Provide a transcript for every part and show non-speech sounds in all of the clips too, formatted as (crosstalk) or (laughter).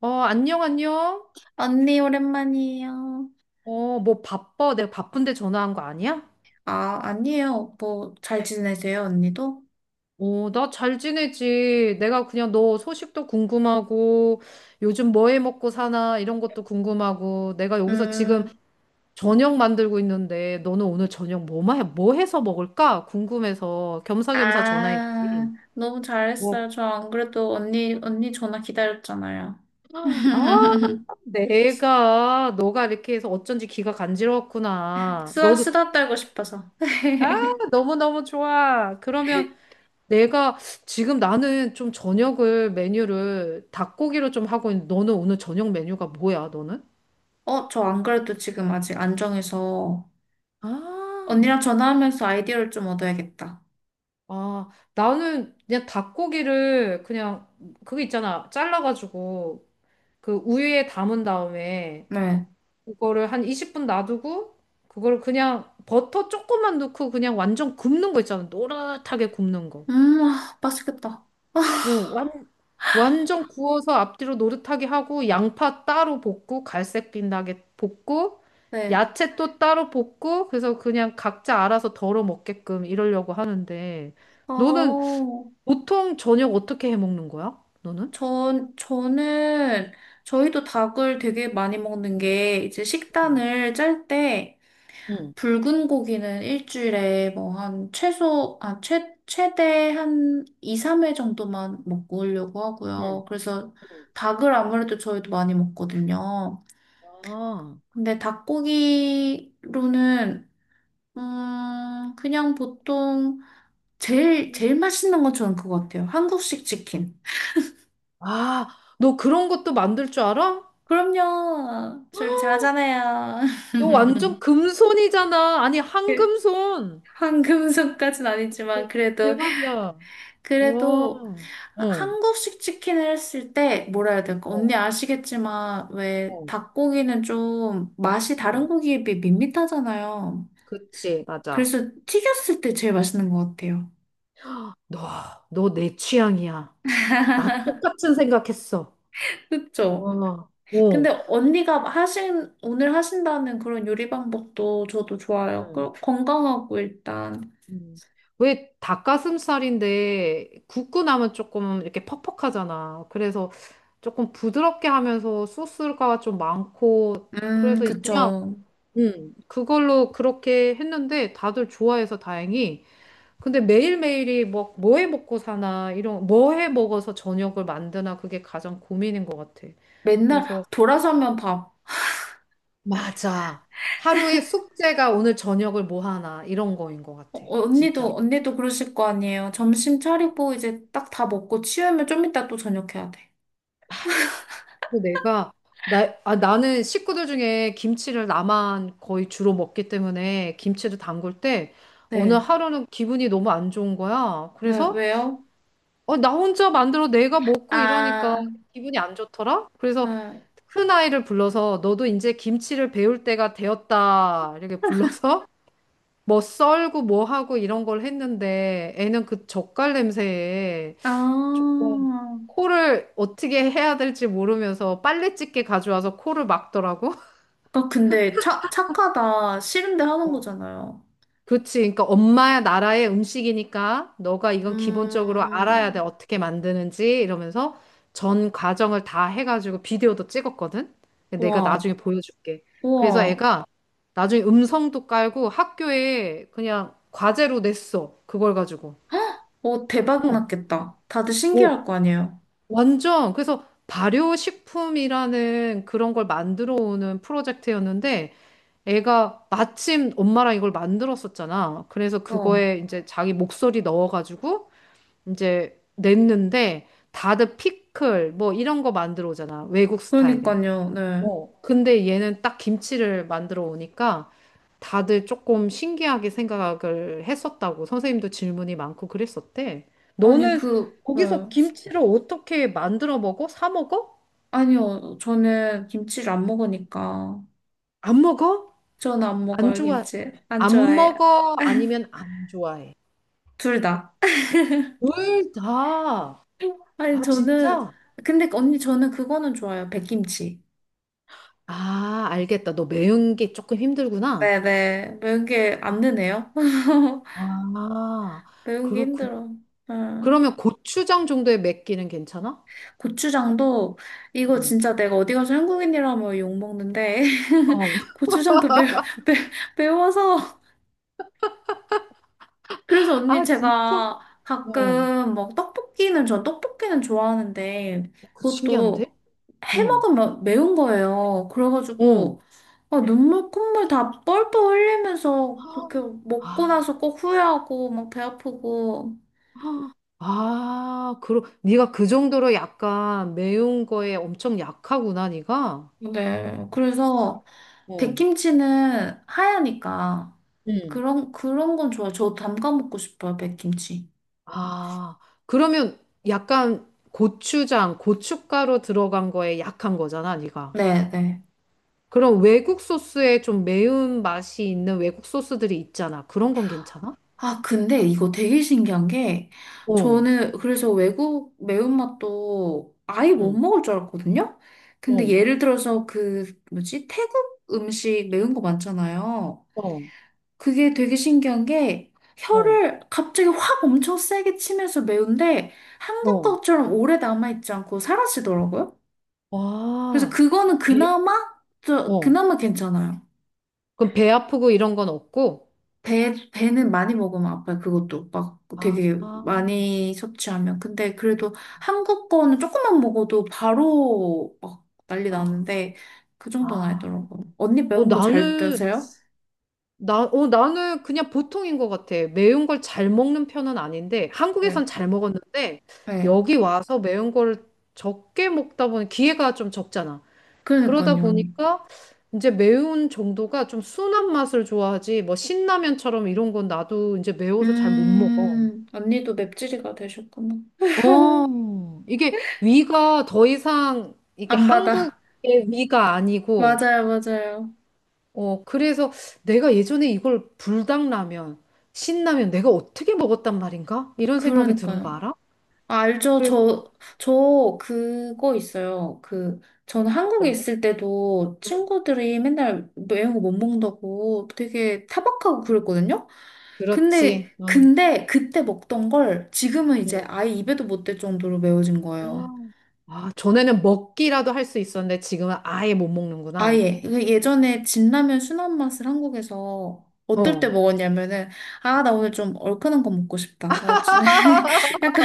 어, 안녕, 안녕. 언니, 오랜만이에요. 어, 뭐 바빠? 내가 바쁜데 전화한 거 아니야? 아, 아니에요. 뭐, 잘 지내세요, 언니도? 어, 나 잘 지내지. 내가 그냥 너 소식도 궁금하고, 요즘 뭐해 먹고 사나, 이런 것도 궁금하고, 내가 여기서 지금 음, 저녁 만들고 있는데, 너는 오늘 저녁 뭐, 뭐 해서 먹을까? 궁금해서 겸사겸사 아, 전화했지. 너무 뭐, 잘했어요. 저 안 그래도 언니 전화 기다렸잖아요. 아, (laughs) 내가, 너가 이렇게 해서 어쩐지 귀가 간지러웠구나. 수다, 너도, 수다 떨고 싶어서. 아, (laughs) 너무너무 좋아. 그러면, 내가 지금 나는 좀 저녁을 메뉴를 닭고기로 좀 하고 있는데 너는 오늘 저녁 메뉴가 뭐야, 너는? 어, 저 안 그래도 지금 아직 안 정해서 아, 언니랑 전화하면서 아이디어를 좀 얻어야겠다. 아, 나는 그냥 닭고기를 그냥 그거 있잖아. 잘라가지고 그 우유에 담은 다음에 네. 그거를 한 20분 놔두고 그거를 그냥 버터 조금만 넣고 그냥 완전 굽는 거 있잖아. 노릇하게 굽는 거. 아, 맛있겠다. (laughs) 오, 완전 구워서 앞뒤로 노릇하게 하고 양파 따로 볶고 갈색 빛나게 볶고 네. 야채 또 따로 볶고 그래서 그냥 각자 알아서 덜어 먹게끔 이러려고 하는데 너는 어. 보통 저녁 어떻게 해 먹는 거야? 너는? 저는, 저희도 닭을 되게 많이 먹는 게, 이제 응, 식단을 짤 때, 응, 붉은 고기는 일주일에 뭐 한 최대 한 2, 3회 정도만 먹으려고 응, 하고요. 그래서 응. 닭을 아무래도 저희도 많이 먹거든요. 아, 근데 닭고기로는, 그냥 보통, 그- 제일 맛있는 건 저는 그거 같아요. 한국식 치킨. 아, 너 그런 것도 만들 줄 알아? 그럼요. 저를 잘하잖아요. 너 완전 금손이잖아. 아니, (laughs) 한금손. 황금손까진 아니지만 대- 그래도 대박이야. 와. 그래도 어. 한국식 치킨을 했을 때 뭐라 해야 될까? 어, 언니 아시겠지만 왜 어. 닭고기는 좀 맛이 다른 응. 고기에 비해 밋밋하잖아요. 그치, 맞아. 그래서 튀겼을 때 제일 맛있는 것 같아요. 너, 너 내 취향이야. 나도 똑같은 생각했어. 그쵸? 와, 어. 근데 언니가 하신 오늘 하신다는 그런 요리 방법도 저도 좋아요. 응. 그 건강하고 일단 응. 왜 닭가슴살인데 굽고 나면 조금 이렇게 퍽퍽하잖아. 그래서 조금 부드럽게 하면서 소스가 좀 많고 그래서 그냥 그쵸. 그걸로 그렇게 했는데 다들 좋아해서 다행히. 근데 매일매일이 뭐, 뭐 해 먹고 사나, 이런, 뭐 해 먹어서 저녁을 만드나, 그게 가장 고민인 것 같아. 맨날 그래서, 돌아서면 밥. 맞아. 하루의 숙제가 오늘 저녁을 뭐 하나, 이런 거인 것 어, 같아. 어, 진짜로. 언니도 그러실 거 아니에요. 점심 차리고 이제 딱 다 먹고 치우면 좀 이따 또 저녁해야 돼. 그리고 내가, 나, 아, 나는 식구들 중에 김치를 나만 거의 주로 먹기 때문에 김치를 담글 때 오늘 네. 하루는 기분이 너무 안 좋은 거야. 네, 그래서, 왜요? 어, 나 혼자 만들어 내가 먹고 이러니까 아, 기분이 안 좋더라? 그래서 네. 큰 아이를 불러서 너도 이제 김치를 배울 때가 되었다. 이렇게 불러서 (laughs) 뭐 썰고 뭐 하고 이런 걸 했는데 애는 그 젓갈 냄새에 아. 조금 코를 어떻게 해야 될지 모르면서 빨래집게 가져와서 코를 막더라고. 아, 근데 착하다. 싫은데 하는 (laughs) 거잖아요. 그치. 그러니까 엄마 나라의 음식이니까 너가 이건 기본적으로 알아야 돼. 음, 어떻게 만드는지 이러면서 전 과정을 다 해가지고 비디오도 찍었거든. 근데 내가 와, 나중에 보여줄게. 그래서 우와. 애가 나중에 음성도 깔고 학교에 그냥 과제로 냈어. 그걸 가지고. 어, 대박 어, 났겠다. 다들 오, 신기할 거 아니에요. 완전. 그래서 발효식품이라는 그런 걸 만들어 오는 프로젝트였는데 애가 마침 엄마랑 이걸 만들었었잖아. 그래서 어, 그거에 이제 자기 목소리 넣어가지고 이제 냈는데 다들 피클 뭐 이런 거 만들어 오잖아. 외국 스타일에. 그러니까요. 네. 어. 근데 얘는 딱 김치를 만들어 오니까 다들 조금 신기하게 생각을 했었다고. 선생님도 질문이 많고 그랬었대. 아니, 너는 그, 네. 거기서 김치를 어떻게 만들어 먹어? 사 먹어? 아니요. 저는 김치를 안 먹으니까. 안 먹어? 저는 안 안 먹어요, 좋아? 김치. 안 안 좋아해요. 먹어? 아니면 안 좋아해? 둘 다. 둘 다. 아니, 아, 저는, 진짜? 근데 언니, 저는 그거는 좋아요. 백김치. 아, 알겠다. 너 매운 게 조금 힘들구나. 네네. 매운 게 안 드네요. (laughs) 아, 매운 게 그렇구나. 힘들어. 응. 그러면 고추장 정도의 맵기는 괜찮아? 고추장도, 이거 응. 진짜 내가 어디 가서 한국인이라면 욕먹는데, (laughs) 어. (laughs) 고추장도 매, 매워서. 그래서 언니 아, 진짜? 제가 어. 가끔 막 떡볶이는 좋아하는데 그 신기한데? 그것도 해 응. 먹으면 매운 거예요. 응. 그래가지고 아, 눈물 콧물 다 뻘뻘 흘리면서 그렇게 먹고 아, 나서 꼭 후회하고 막 배 아프고 아, 그러, 네가 그 정도로 약간 매운 거에 엄청 약하구나, 네가. 네 그래서 어. 백김치는 하얘니까 응. 그런 건 좋아요. 저 담가 먹고 싶어요 백김치. 아, 그러면 약간 고추장, 고춧가루 들어간 거에 약한 거잖아, 네가. 네네. 그럼 외국 소스에 좀 매운 맛이 있는 외국 소스들이 있잖아. 그런 건 괜찮아? 아, 근데 이거 되게 신기한 게, 어, 저는 그래서 외국 매운맛도 아예 못 응, 먹을 줄 알았거든요? 근데 어, 예를 들어서 그, 뭐지, 태국 음식 매운 거 많잖아요. 어, 그게 되게 신기한 게, 어, 혀를 갑자기 확 엄청 세게 치면서 매운데, 한국 어. 것처럼 오래 남아있지 않고 사라지더라고요. 그래서 와, 그거는 배, 그나마, 어. 그나마 괜찮아요. 그럼 배 아프고 이런 건 없고? 배는 많이 먹으면 아파요. 그것도 막 아, 되게 아, 많이 섭취하면. 근데 그래도 한국 거는 조금만 먹어도 바로 막 난리 나는데 그 정도는 아. 아니더라고요. 언니 어, 매운 거 잘 나는 드세요? 나, 어, 나는 그냥 보통인 것 같아. 매운 걸 잘 먹는 편은 아닌데, 한국에선 네. 잘 먹었는데, 네. 여기 와서 매운 걸 적게 먹다 보니 기회가 좀 적잖아. 그러다 그러니까요. 보니까 이제 매운 정도가 좀 순한 맛을 좋아하지, 뭐 신라면처럼 이런 건 나도 이제 매워서 잘 못 먹어. 언니도 맵찔이가 되셨구나. (laughs) 어, 이게 위가 더 이상, 이게 안 받아. 한국의 위가 (laughs) 아니고, 맞아요, 맞아요. 어, 그래서 내가 예전에 이걸 불닭라면, 신라면 내가 어떻게 먹었단 말인가? 이런 생각이 드는 거 그러니까요. 알아? 아, 알죠. 그래서 저 그거 있어요. 그, 저는 뭐 한국에 어떤 거? 있을 때도 응. 친구들이 맨날 매운 거 못 먹는다고 되게 타박하고 그랬거든요. 그렇지. 응. 근데 그때 먹던 걸 지금은 이제 아예 입에도 못 댈 정도로 매워진 거예요. 응. 아, 전에는 먹기라도 할 수 있었는데 지금은 아예 못 아, 먹는구나. 예. 그 예전에 진라면 순한 맛을 한국에서 어떨 때 어. 먹었냐면은, 아, 나 오늘 좀 얼큰한 거 먹고 싶다. 나 좀- (laughs) (laughs) 약간,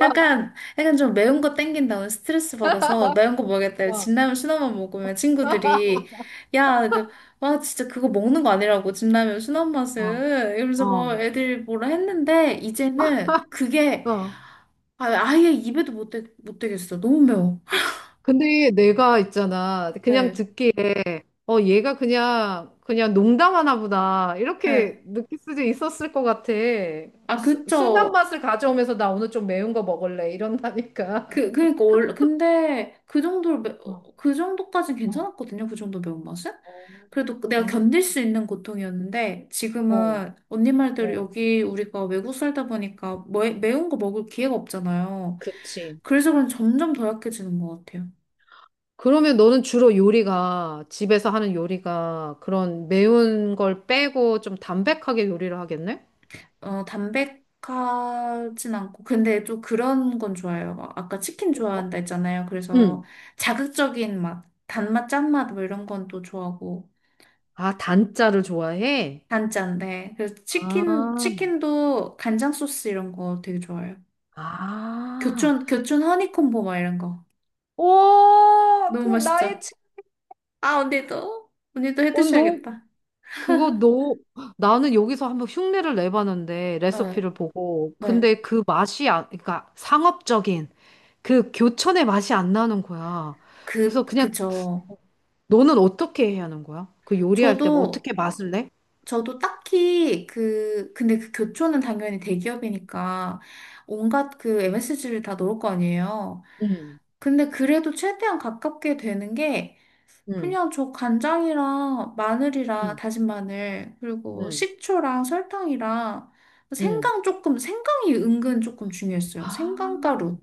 약간 좀 매운 거 땡긴다. 오늘 스트레스 받아서 매운 거 먹겠다. 어, 진라면 순한 맛 먹으면 친구들이, 야, 너, 와, 진짜 그거 먹는 거 아니라고. 진라면 순한 어, 맛은. 이러면서 어. 뭐 애들이 뭐라 했는데, 이제는 그게 어. 아, 아예 입에도 못 대겠어. 너무 매워. 아, 근데 내가 있잖아. 그냥 네. 듣기에, 어, 얘가 그냥, 그냥 농담하나 보다. 네. 이렇게 느낄 수도 있었을 것 같아. 아, 순한 그쵸. 맛을 가져오면서 나 오늘 좀 매운 거 먹을래. 이런다니까. 그, 그러니까 원래 근데 그 정도로 매- 어, 어, 그 정도까진 어, 괜찮았거든요. 그 정도 매운맛은. 어, 그래도 내가 견딜 수 있는 고통이었는데 어, 지금은 언니 말대로 어, 여기 우리가 외국 살다 보니까 매운 거 먹을 기회가 없잖아요. 그치. 그래서 그런 점점 더 약해지는 것 같아요. 그러면 너는 주로 요리가, 집에서 하는 요리가 그런 매운 걸 빼고 좀 담백하게 요리를 하겠네? 어, 담백하진 않고 근데 좀 그런 건 좋아요. 막 아까 치킨 어떤 거? 좋아한다 했잖아요. 그래서 응. 자극적인 맛, 단맛, 짠맛 뭐 이런 건 또 좋아하고. 아, 단자를 좋아해? 단짠 네 그래서 아. 치킨도 간장 소스 이런 거 되게 좋아해요. 아, 교촌 허니콤보 막 이런 거. 와, 너무 그 나의 맛있죠? 책. 아, 언니도? 언니도 해 어, 너, 드셔야겠다. 그거 너, 나는 여기서 한번 흉내를 내봤는데, 네, 레시피를 보고. 네. 근데 그 맛이, 안, 그러니까 상업적인 그 교촌의 맛이 안 나는 거야. 그, 그래서 그냥 그죠. 너는 어떻게 해야 하는 거야? 그 요리할 때 뭐 저도, 어떻게 맛을 내? 저도 딱히 그, 근데 그 교촌은 당연히 대기업이니까 온갖 그 MSG를 다 넣을 거 아니에요. 응, 근데 그래도 최대한 가깝게 되는 게 응, 그냥 저 간장이랑 마늘이랑 응, 다진 마늘, 그리고 응, 식초랑 설탕이랑 응. 생강 조금, 생강이 은근 조금 중요했어요. 아, 생강가루.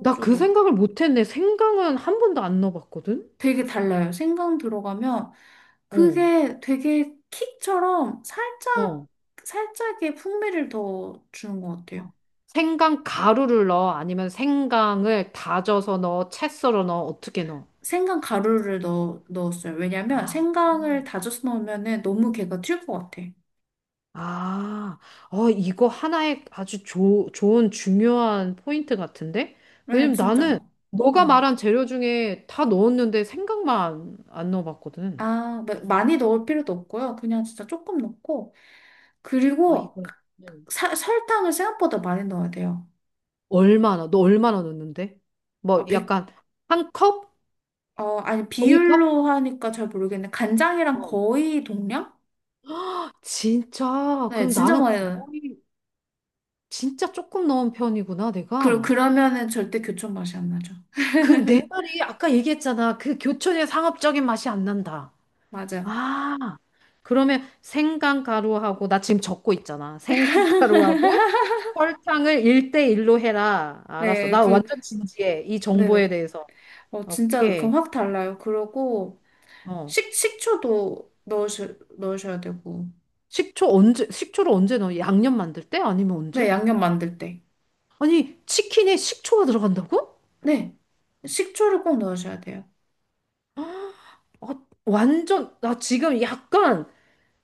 나 그 생각을 못 했네. 생강은 한 번도 안 넣어봤거든? 되게 달라요. 생강 들어가면 어, 그게 되게 킥처럼 살짝, 어. 살짝의 풍미를 더 주는 것 같아요. 생강 가루를 넣어? 아니면 생강을 다져서 넣어? 채 썰어 넣어? 어떻게 넣어? 생강 가루를 넣었어요. 왜냐면 아, 생강을 음. 다져서 넣으면 너무 걔가 튈 것 같아. 아, 어, 이거 하나의 아주 좋은 중요한 포인트 같은데? 네, 왜냐면 진짜. 나는 너가 음. 말한 재료 중에 다 넣었는데 생강만 안 넣어봤거든. 아, 마- 많이 넣을 필요도 없고요. 그냥 진짜 조금 넣고. 아, 그리고 이거 네. 사- 설탕을 생각보다 많이 넣어야 돼요. 얼마나, 너 얼마나 넣는데? 뭐 아, 백, 약간 한 컵? 어, 아니, 종이컵? 비율로 하니까 잘 모르겠는데, 간장이랑 어. 거의 동량? 진짜? 네, 그럼 진짜 나는 많이 넣어요. 거의 진짜 조금 넣은 편이구나, 그, 내가. 그러면은 절대 교촌 맛이 안 나죠. 그, 내 말이 아까 얘기했잖아. 그 교촌의 상업적인 맛이 안 난다. 맞아요. 아, 그러면 생강가루하고, 나 지금 적고 있잖아. 생강가루하고 (laughs) 설탕을 일대일로 해라. 알았어. 네, 나 그, 완전 진지해. 이 네네. 정보에 대해서. 어, 진짜, 그럼 오케이. 확 달라요. 그러고, 어. 식초도 넣으셔야 되고. 식초 언제, 식초를 언제 넣어? 양념 만들 때? 아니면 네, 언제? 양념 만들 때. 아니, 치킨에 식초가 들어간다고? 네. 식초를 꼭 넣으셔야 돼요. 아, 완전, 나 지금 약간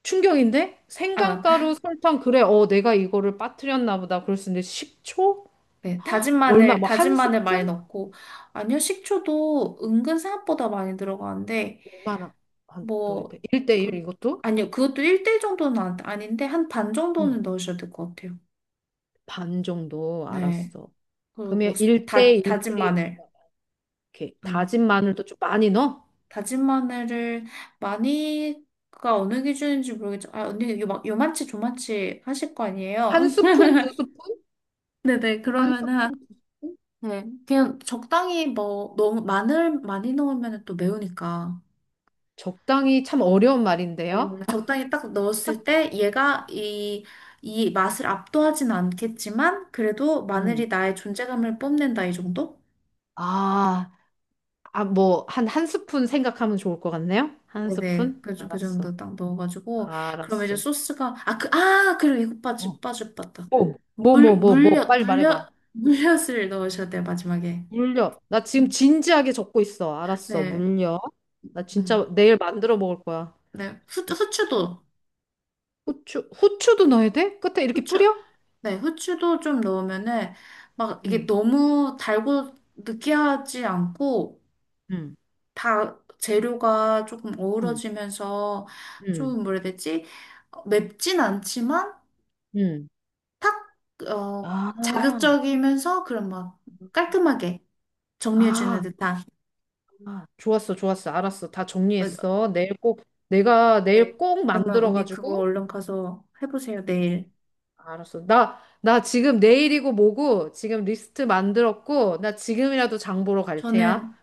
충격인데? 아, 생강가루, 설탕, 그래, 어, 내가 이거를 빠뜨렸나 보다. 그럴 수 있는데 식초 네, 얼마, 뭐, 다진 한 마늘 많이 스푼? 넣고, 아니요, 식초도 은근 생각보다 많이 들어가는데, 얼마나 한, 넣어야 뭐, 돼? 1대1 그, 이것도? 아니요, 그것도 1대1 정도는 안- 아닌데, 한 반 응, 정도는 넣으셔야 될 것 같아요. 반 정도, 네. 알았어. 그리고 그러면 수- 1대1, 대 다진 일 대 마늘. 이렇게 음. 다진 마늘도 좀 많이 넣어? 다진 마늘을 많이가 어느 기준인지 모르겠죠. 아, 언니, 요, 막 요만치 조만치 하실 거 아니에요? 한 (laughs) 스푼, 두 스푼? 네네, 한 그러면은, 한- 스푼, 두 스푼? 네. 그냥 적당히 뭐, 너무 마늘 많이 넣으면 또 매우니까. 적당히 참 어려운 말인데요. (laughs) 적당히 딱 넣었을 때 얘가 이, 이 맛을 압도하진 않겠지만 그래도 마늘이 음. 나의 존재감을 뽐낸다 이 정도? 아, 아, 뭐, 한, 한 스푼 생각하면 좋을 것 같네요? 한 네네 스푼? 그, 정- 그 알았어. 정도 딱 넣어가지고 그러면 이제 알았어. 소스가 아 그 아 그리고 이거 어. 빠지 빠지 빠다 뭐, 뭐, 물 뭐, 뭐, 뭐, 물엿 빨리 말해봐. 물엿 (laughs) 물엿을 넣으셔야 돼요 마지막에 물려. 나 지금 음. 진지하게 적고 있어. 알았어, 네, 물려. 나 음, 진짜 내일 만들어 먹을 거야. 네, 어? 후추도, 후추, 후추도 넣어야 돼? 끝에 이렇게 후추, 뿌려? 네, 후추도 좀 넣으면은, 막, 이게 응, 너무 달고 느끼하지 않고, 응, 다 재료가 조금 응, 어우러지면서 응, 좀 뭐라 해야 되지? 어, 맵진 않지만 응. 탁, 어, 아, 자극적이면서 그런 막 깔끔하게 정리해주는 아, 듯한. 아, 좋았어, 좋았어. 알았어. 다 어, 정리했어. 내일 꼭, 내가 네. 내일 꼭 그러면 언니 그거 만들어가지고. 얼른 가서 해보세요, 어, 내일. 알았어. 나, 나 지금 내일이고 뭐고 지금 리스트 만들었고, 나 지금이라도 장 보러 갈 테야. 저는